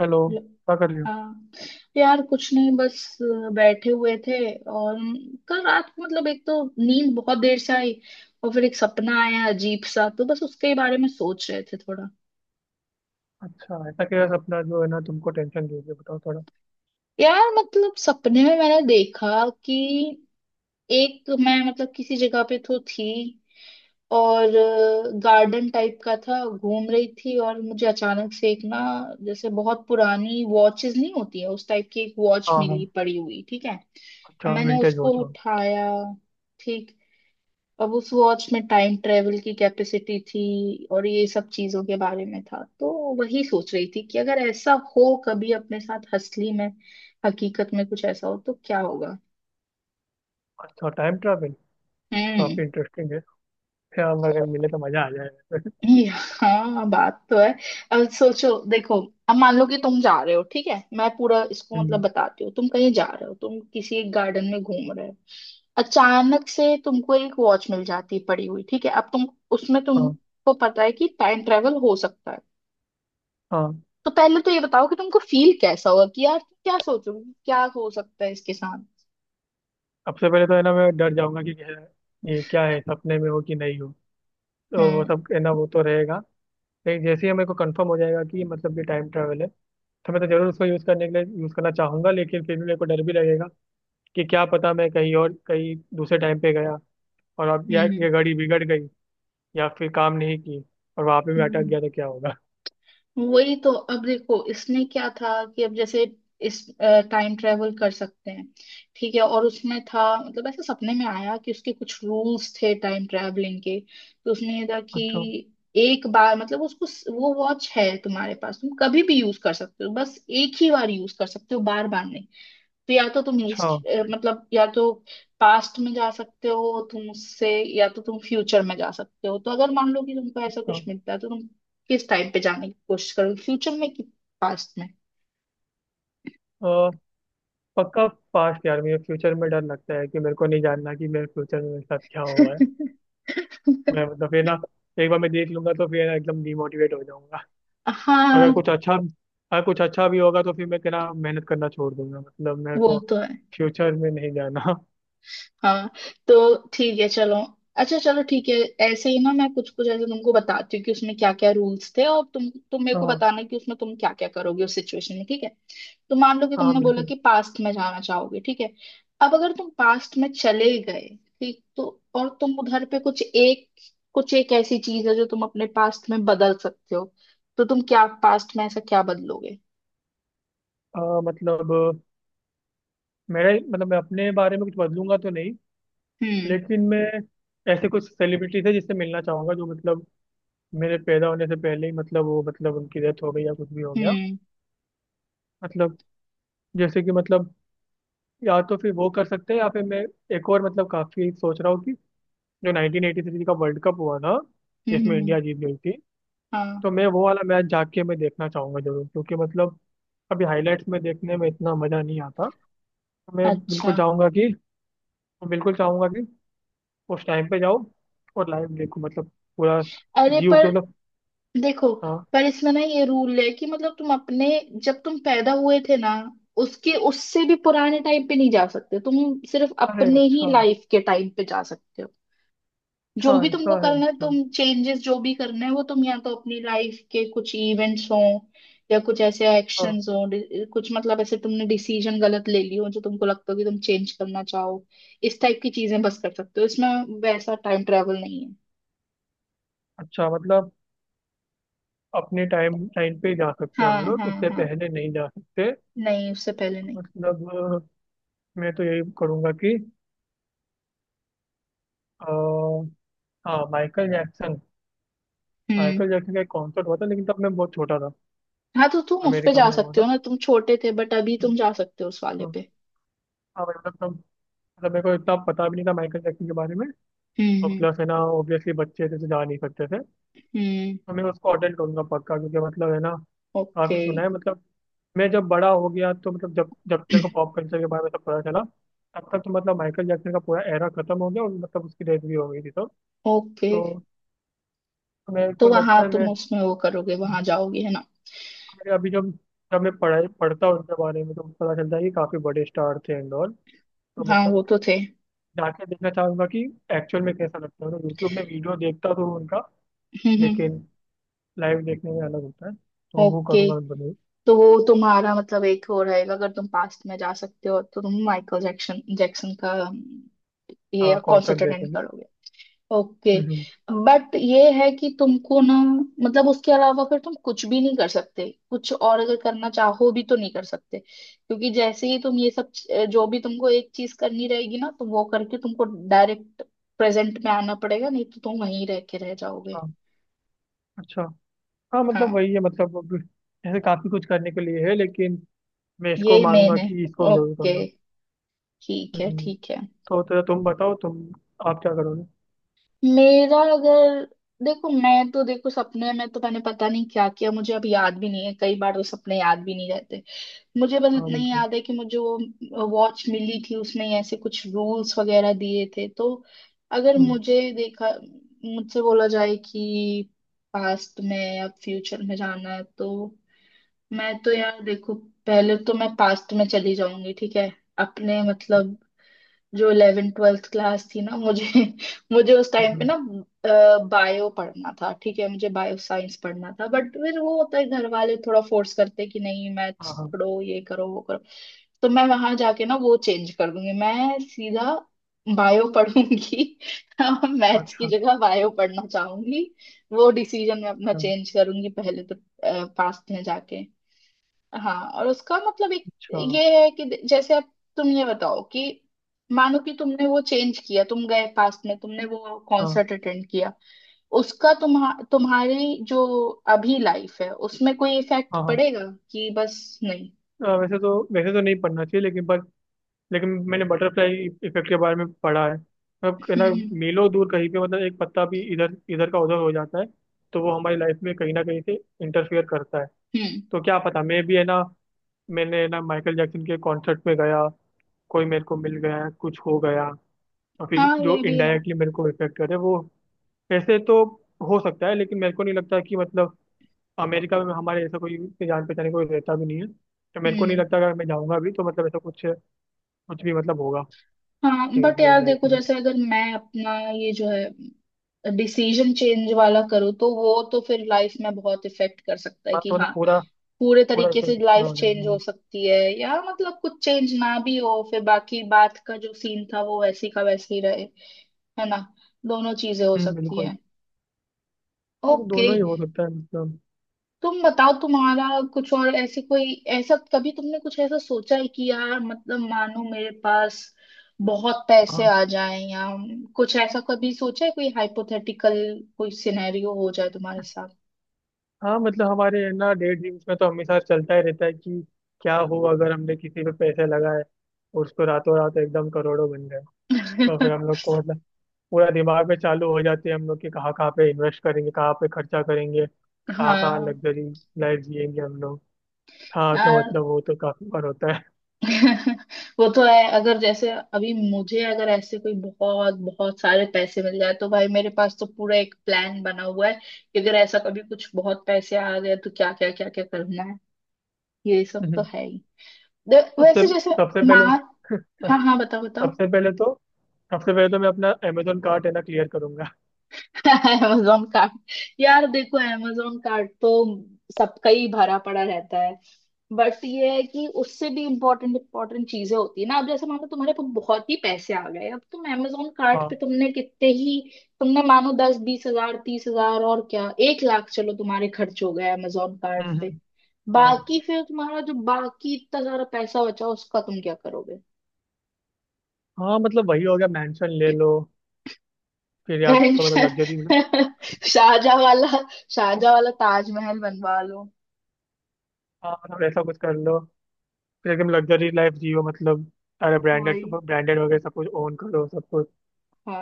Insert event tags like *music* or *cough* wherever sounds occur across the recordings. Hello. ल- क्या कर रही हो। हाँ तो यार कुछ नहीं, बस बैठे हुए थे। और कल रात को मतलब, एक तो नींद बहुत देर से आई और फिर एक सपना आया अजीब सा, तो बस उसके बारे में सोच रहे थे थोड़ा। अच्छा, ऐसा क्या सपना जो है ना तुमको टेंशन दे रही है बताओ थोड़ा। यार मतलब सपने में मैंने देखा कि एक मैं मतलब किसी जगह पे तो थी, और गार्डन टाइप का था, घूम रही थी और मुझे अचानक से एक ना, जैसे बहुत पुरानी वॉचेस नहीं होती है उस टाइप की, एक वॉच हाँ, मिली हाँ। पड़ी हुई, ठीक है। अच्छा, मैंने विंटेज उसको वॉच। हाँ। उठाया, ठीक। अब उस वॉच में टाइम ट्रेवल की कैपेसिटी थी और ये सब चीजों के बारे में था। तो वही सोच रही थी कि अगर ऐसा हो कभी अपने साथ असली में, हकीकत में कुछ ऐसा हो तो क्या होगा। अच्छा, टाइम ट्रैवल हम्म। काफी इंटरेस्टिंग है। यार अगर मिले तो मजा आ जाएगा। हाँ बात तो है। अब सोचो देखो, अब मान लो कि तुम जा रहे हो, ठीक है मैं पूरा *laughs* इसको मतलब हम्म। बताती हूँ। तुम कहीं जा रहे हो, तुम किसी एक गार्डन में घूम रहे हो, अचानक से तुमको एक वॉच मिल जाती है पड़ी हुई, ठीक है। अब तुम उसमें हाँ, तुमको पता है कि टाइम ट्रेवल हो सकता है। हाँ। तो पहले तो ये बताओ कि तुमको फील कैसा होगा, कि यार क्या सोचोगे, क्या हो सकता है इसके साथ। सबसे पहले तो है ना मैं डर जाऊंगा कि ये क्या है, सपने में हो कि नहीं हो। तो वो हम्म सब है ना, वो तो रहेगा। लेकिन जैसे ही मेरे को कंफर्म हो जाएगा कि मतलब ये टाइम ट्रैवल है, तो मैं तो जरूर उसको यूज करने के लिए यूज करना चाहूंगा। लेकिन फिर भी मेरे को डर भी लगेगा कि क्या पता मैं कहीं और कहीं दूसरे टाइम पे गया, और अब यार हम्म ये घड़ी बिगड़ गई या फिर काम नहीं की और वहां पे मैं अटक हम्म। गया तो क्या होगा। वही तो, अब देखो इसमें क्या था कि अब जैसे इस टाइम ट्रेवल कर सकते हैं, ठीक है। और उसमें था मतलब ऐसे सपने में आया कि उसके कुछ रूल्स थे टाइम ट्रैवलिंग के। तो उसमें ये था कि अच्छा, एक बार मतलब उसको, वो वॉच है तुम्हारे पास, तुम कभी भी यूज कर सकते हो, बस एक ही बार यूज कर सकते हो, बार बार नहीं। तो या तो तुम अच्छा, हिस्ट्री मतलब, या तो पास्ट में जा सकते हो तुम उससे, या तो तुम फ्यूचर में जा सकते हो। तो अगर मान लो कि तुमको ऐसा अच्छा। कुछ मिलता है तो तुम किस टाइम पे जाने की कोशिश करोगे, फ्यूचर में कि पास्ट में। अ, पक्का पास। यार, मुझे फ्यूचर में डर लगता है कि मेरे को नहीं जानना कि मेरे फ्यूचर में मेरे साथ क्या हुआ है। मैं *laughs* मतलब फिर ना, एक बार मैं देख लूंगा तो फिर ना एकदम डिमोटिवेट हो जाऊंगा। अगर कुछ हाँ अच्छा अगर कुछ अच्छा भी होगा तो फिर मैं क्या मेहनत करना छोड़ दूंगा। मतलब मेरे वो को तो है। फ्यूचर में नहीं जाना। हाँ तो ठीक है चलो, अच्छा चलो ठीक है। ऐसे ही ना मैं कुछ कुछ ऐसे तुमको बताती हूँ कि उसमें क्या क्या रूल्स थे, और तुम मेरे को हाँ, बताना कि उसमें तुम क्या क्या करोगे उस सिचुएशन में, ठीक है। तो मान लो कि हाँ, तुमने बोला बिल्कुल। कि पास्ट में जाना चाहोगे, ठीक है। अब अगर तुम पास्ट में चले गए ठीक, तो और तुम उधर पे कुछ एक ऐसी चीज है जो तुम अपने पास्ट में बदल सकते हो, तो तुम क्या पास्ट में ऐसा क्या बदलोगे। मतलब मेरा मतलब मैं अपने बारे में कुछ बदलूंगा तो नहीं। हम्म लेकिन मैं ऐसे कुछ सेलिब्रिटीज है जिससे मिलना चाहूंगा जो मतलब मेरे पैदा होने से पहले ही, मतलब वो मतलब उनकी डेथ हो गई या कुछ भी हो गया। हम्म मतलब जैसे कि मतलब या तो फिर वो कर सकते हैं या फिर मैं एक और, मतलब काफी सोच रहा हूँ कि जो 1983 का वर्ल्ड कप हुआ था हम्म जिसमें हम्म हम्म, इंडिया जीत गई थी। हाँ। तो मैं वो वाला मैच जाके मैं देखना चाहूंगा जरूर, क्योंकि मतलब अभी हाईलाइट्स में देखने में इतना मजा नहीं आता। तो मैं अच्छा। बिल्कुल चाहूंगा कि उस टाइम पे जाओ और लाइव देखो, मतलब पूरा अरे जीव पर के मतलब। देखो, हाँ। पर इसमें ना ये रूल है कि मतलब तुम अपने जब तुम पैदा हुए थे ना, उसके उससे भी पुराने टाइम पे नहीं जा सकते, तुम सिर्फ अरे अपने ही अच्छा। लाइफ के टाइम पे जा सकते हो। जो अच्छा भी तुमको ऐसा है। करना है, अच्छा। तुम चेंजेस जो भी करना है, वो तुम या तो अपनी लाइफ के कुछ इवेंट्स हों, या कुछ ऐसे हाँ। एक्शंस हों, कुछ मतलब ऐसे तुमने डिसीजन गलत ले ली हो जो तुमको लगता हो कि तुम चेंज करना चाहो। इस टाइप की चीजें बस कर सकते हो, इसमें वैसा टाइम ट्रेवल नहीं है। अच्छा मतलब अपने टाइम टाइम पे ही जा सकते हैं हम हाँ लोग, हाँ उससे हाँ, पहले नहीं जा सकते। नहीं उससे पहले नहीं। मतलब मैं तो यही करूँगा कि अ, हाँ, माइकल जैक्सन। हम्म। माइकल जैक्सन का एक कॉन्सर्ट हुआ था, लेकिन तब मैं बहुत छोटा था। हाँ तो तुम उस पे अमेरिका जा में हुआ सकते हो था। ना, तुम छोटे थे बट अभी तुम जा सकते हो उस वाले तो पे। हाँ मतलब तब, मतलब मेरे को इतना पता भी नहीं था माइकल जैक्सन के बारे में। हम्म और हम्म प्लस है ना ऑब्वियसली बच्चे थे तो जा नहीं सकते थे। हम्म। तो मैं उसको अटेंड करूँगा पक्का, क्योंकि मतलब है ना ओके। काफ़ी सुना है मतलब। मैं जब बड़ा हो गया तो मतलब जब जब मेरे को *clears throat* पॉप कल्चर के बारे में सब पता चला, तब तक तो मतलब माइकल जैक्सन का पूरा एरा खत्म हो गया, और मतलब उसकी डेथ भी हो गई थी तब। ओके तो मेरे तो को वहां लगता है मैं, तुम उसमें वो करोगे, वहां जाओगे है ना। मेरे अभी जब जब मैं पढ़ाई पढ़ता हूँ उनके बारे में, तो मुझे पता चलता है कि काफ़ी बड़े स्टार थे एंड ऑल। तो हाँ मतलब वो तो थे। जाके देखना चाहूंगा कि एक्चुअल में कैसा लगता है। तो यूट्यूब में वीडियो देखता तो हूँ उनका, हम्म। लेकिन लाइव देखने में अलग होता है, तो वो ओके करूँगा बने। तो वो तुम्हारा मतलब एक हो रहेगा, अगर तुम पास्ट में जा सकते हो तो तुम माइकल जैक्सन जैक्सन का ये हाँ, कॉन्सर्ट कॉन्सर्ट अटेंड देखेंगे। करोगे। ओके। हम्म, हम्म। बट ये है कि तुमको ना, मतलब उसके अलावा फिर तुम कुछ भी नहीं कर सकते, कुछ और अगर करना चाहो भी तो नहीं कर सकते, क्योंकि जैसे ही तुम ये सब जो भी तुमको एक चीज करनी रहेगी ना तो वो करके तुमको डायरेक्ट प्रेजेंट में आना पड़ेगा, नहीं तो तुम वहीं रह के रह जाओगे। हाँ। अच्छा। हाँ मतलब हाँ वही है मतलब अब ऐसे काफी कुछ करने के लिए है, लेकिन मैं इसको ये मेन मानूंगा है। कि इसको जरूर ओके, करना। ठीक है हम्म। ठीक है। तो तुम बताओ, तुम आप क्या करोगे। मेरा अगर, देखो मैं तो, देखो सपने में तो मैंने पता नहीं क्या किया, मुझे अब याद भी नहीं है, कई बार तो सपने याद भी नहीं रहते। मुझे बस हाँ, इतना ही बिल्कुल। याद है कि मुझे वो वॉच मिली थी, उसने ऐसे कुछ रूल्स वगैरह दिए थे। तो अगर हम्म, मुझे देखा, मुझसे बोला जाए कि पास्ट में या फ्यूचर में जाना है, तो मैं तो यार देखो पहले तो मैं पास्ट में चली जाऊंगी, ठीक है। अपने मतलब जो इलेवेंथ ट्वेल्थ क्लास थी ना मुझे, *laughs* मुझे उस टाइम पे हम्म। ना बायो पढ़ना था, ठीक है मुझे बायो साइंस पढ़ना था, बट फिर वो होता है घर वाले थोड़ा फोर्स करते कि नहीं मैथ्स हाँ, हाँ। पढ़ो, ये करो वो करो। तो मैं वहां जाके ना वो चेंज कर दूंगी, मैं सीधा बायो पढ़ूंगी। *laughs* मैथ्स की अच्छा, जगह बायो पढ़ना चाहूंगी। वो डिसीजन मैं अपना अच्छा, चेंज करूंगी पहले तो, पास्ट में जाके। हाँ और उसका मतलब एक अच्छा। ये है कि जैसे अब तुम ये बताओ कि मानो कि तुमने वो चेंज किया, तुम गए पास्ट में, तुमने वो हाँ, कॉन्सर्ट अटेंड किया, उसका तुम्हारी जो अभी लाइफ है उसमें कोई इफेक्ट हाँ, हाँ। पड़ेगा कि बस नहीं। वैसे तो नहीं पढ़ना चाहिए लेकिन, पर लेकिन मैंने बटरफ्लाई इफेक्ट के बारे में पढ़ा है, मतलब है ना हम्म मीलों दूर कहीं पे, मतलब एक पत्ता भी इधर इधर का उधर हो जाता है, तो वो हमारी लाइफ में कहीं ना कहीं से इंटरफियर करता है। हम्म हम्म। तो क्या पता मैं भी है ना, मैंने ना माइकल जैक्सन के कॉन्सर्ट में गया, कोई मेरे को मिल गया, कुछ हो गया, और फिर हाँ जो ये भी है। इनडायरेक्टली मेरे को इफेक्ट करे वो ऐसे तो हो सकता है। लेकिन मेरे को नहीं लगता कि मतलब अमेरिका में हमारे ऐसा कोई इतने जान पहचाने कोई रहता भी नहीं है। तो मेरे को नहीं हम्म। लगता, अगर मैं जाऊंगा भी तो मतलब ऐसा कुछ कुछ भी मतलब होगा हाँ चेंज बट मेरी यार लाइफ देखो, में। जैसे अगर मैं अपना ये जो है डिसीजन चेंज वाला करूँ तो वो तो फिर लाइफ में बहुत इफेक्ट कर सकता है हाँ कि तो मतलब हाँ पूरा, पूरे पूरा तरीके से इफेक्ट पूरा लाइफ हो चेंज हो जाएगा। सकती है, या मतलब कुछ चेंज ना भी हो, फिर बाकी बात का जो सीन था वो वैसी का वैसे ही रहे। है ना, दोनों चीजें हो हम्म, सकती बिल्कुल। हैं। और ओके दोनों ही हो सकता है मतलब। तुम बताओ, तुम्हारा कुछ और ऐसे कोई ऐसा कभी तुमने कुछ ऐसा सोचा है कि यार मतलब मानो मेरे पास बहुत पैसे हाँ, आ जाएं, या कुछ ऐसा कभी सोचा है, कोई हाइपोथेटिकल कोई सिनेरियो हो जाए तुम्हारे साथ। हाँ मतलब हमारे है ना डे ड्रीम्स में तो हमेशा चलता ही रहता है कि क्या हो अगर हमने किसी पे पैसे लगाए और उसको रातों रात एकदम करोड़ों बन गए। तो फिर हम *laughs* लोग को मतलब पूरा दिमाग में चालू हो जाती है हम लोग कि कहाँ कहाँ पे इन्वेस्ट करेंगे, कहाँ पे खर्चा करेंगे, कहाँ कहाँ हाँ लग्जरी लाइफ जिएंगे हम लोग। हाँ तो यार। मतलब वो तो काफी बार होता है। *laughs* वो तो है, अगर जैसे अभी मुझे अगर ऐसे कोई बहुत बहुत सारे पैसे मिल जाए तो भाई मेरे पास तो पूरा एक प्लान बना हुआ है कि अगर ऐसा कभी कुछ बहुत पैसे आ गए तो क्या क्या क्या क्या करना है। ये सब तो हम्म। है ही। सबसे वैसे जैसे सबसे माँ, पहले *laughs* हाँ हाँ बताओ बताओ। सबसे पहले तो सबसे पहले तो मैं अपना अमेजोन कार्ट है ना क्लियर करूंगा। *laughs* Amazon card. यार देखो अमेजोन कार्ड तो सबका ही भरा पड़ा रहता, बट ये है कि उससे भी इम्पोर्टेंट इम्पोर्टेंट चीजें होती है ना। अब जैसे मानो तुम्हारे पास बहुत ही पैसे आ गए, अब तुम amazon कार्ट पे हाँ। तुमने कितने ही, तुमने मानो 10-20 हज़ार 30 हज़ार और क्या 1 लाख चलो तुम्हारे खर्च हो गए amazon कार्ट पे। हम्म। हाँ, बाकी फिर तुम्हारा जो बाकी इतना सारा पैसा बचा उसका तुम क्या करोगे। हाँ मतलब वही हो गया, मेंशन ले लो। फिर या मैं तो मतलब लग्जरी में। *laughs* शाहजहाँ वाला, शाहजहाँ वाला ताजमहल बनवा लो। हाँ मतलब ऐसा कुछ कर लो, फिर एकदम लग्जरी लाइफ जियो, मतलब सारे ब्रांडेड वही। ब्रांडेड वगैरह सब कुछ ओन करो, सब कुछ।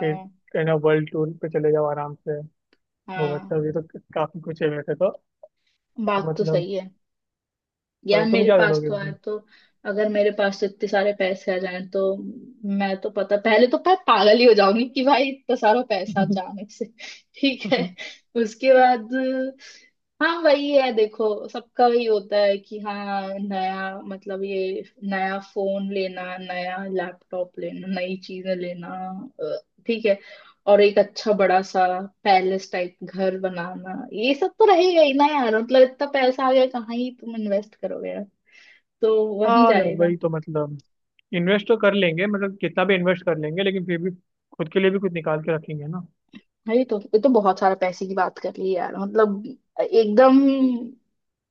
फिर है ना वर्ल्ड टूर पे चले जाओ आराम से। तो हाँ मतलब ये तो काफी कुछ है वैसे तो। तो बात तो मतलब। सही है। यार और तुम मेरे क्या पास करोगे तो आए उसमें? तो, अगर मेरे पास तो इतने सारे पैसे आ जाएं तो मैं तो पता पहले तो मैं पागल ही हो जाऊंगी कि भाई इतना सारा पैसा *laughs* अचानक से। *laughs* ठीक है। उसके बाद हाँ वही है, देखो सबका वही होता है कि हाँ नया मतलब ये नया फोन लेना, नया लैपटॉप लेना, नई चीजें लेना। अ, ठीक है। और एक अच्छा बड़ा सा पैलेस टाइप घर बनाना, ये सब तो रहेगा ही ना यार। मतलब इतना पैसा आ गया कहाँ ही तुम इन्वेस्ट करोगे यार, तो वहीं हाँ यार जाएगा। वही तो मतलब, इन्वेस्ट तो कर लेंगे मतलब कितना भी इन्वेस्ट कर लेंगे, लेकिन फिर भी खुद के लिए भी कुछ निकाल के रखेंगे ना। भाई तो ये तो बहुत सारा पैसे की बात कर ली यार, मतलब एकदम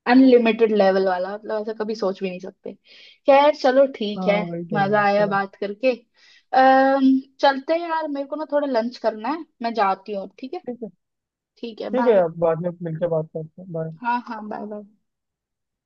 अनलिमिटेड लेवल वाला, मतलब ऐसा कभी सोच भी नहीं सकते। खैर चलो ठीक है, हाँ वही तो मजा यार है आया ना। बात करके। चलते हैं यार, मेरे को ना थोड़ा लंच करना है, मैं जाती हूँ ठीक है। ठीक है। ठीक है ठीक है बाय। यार, बाद में मिलकर बात करते हैं। बाय। हाँ हाँ बाय बाय।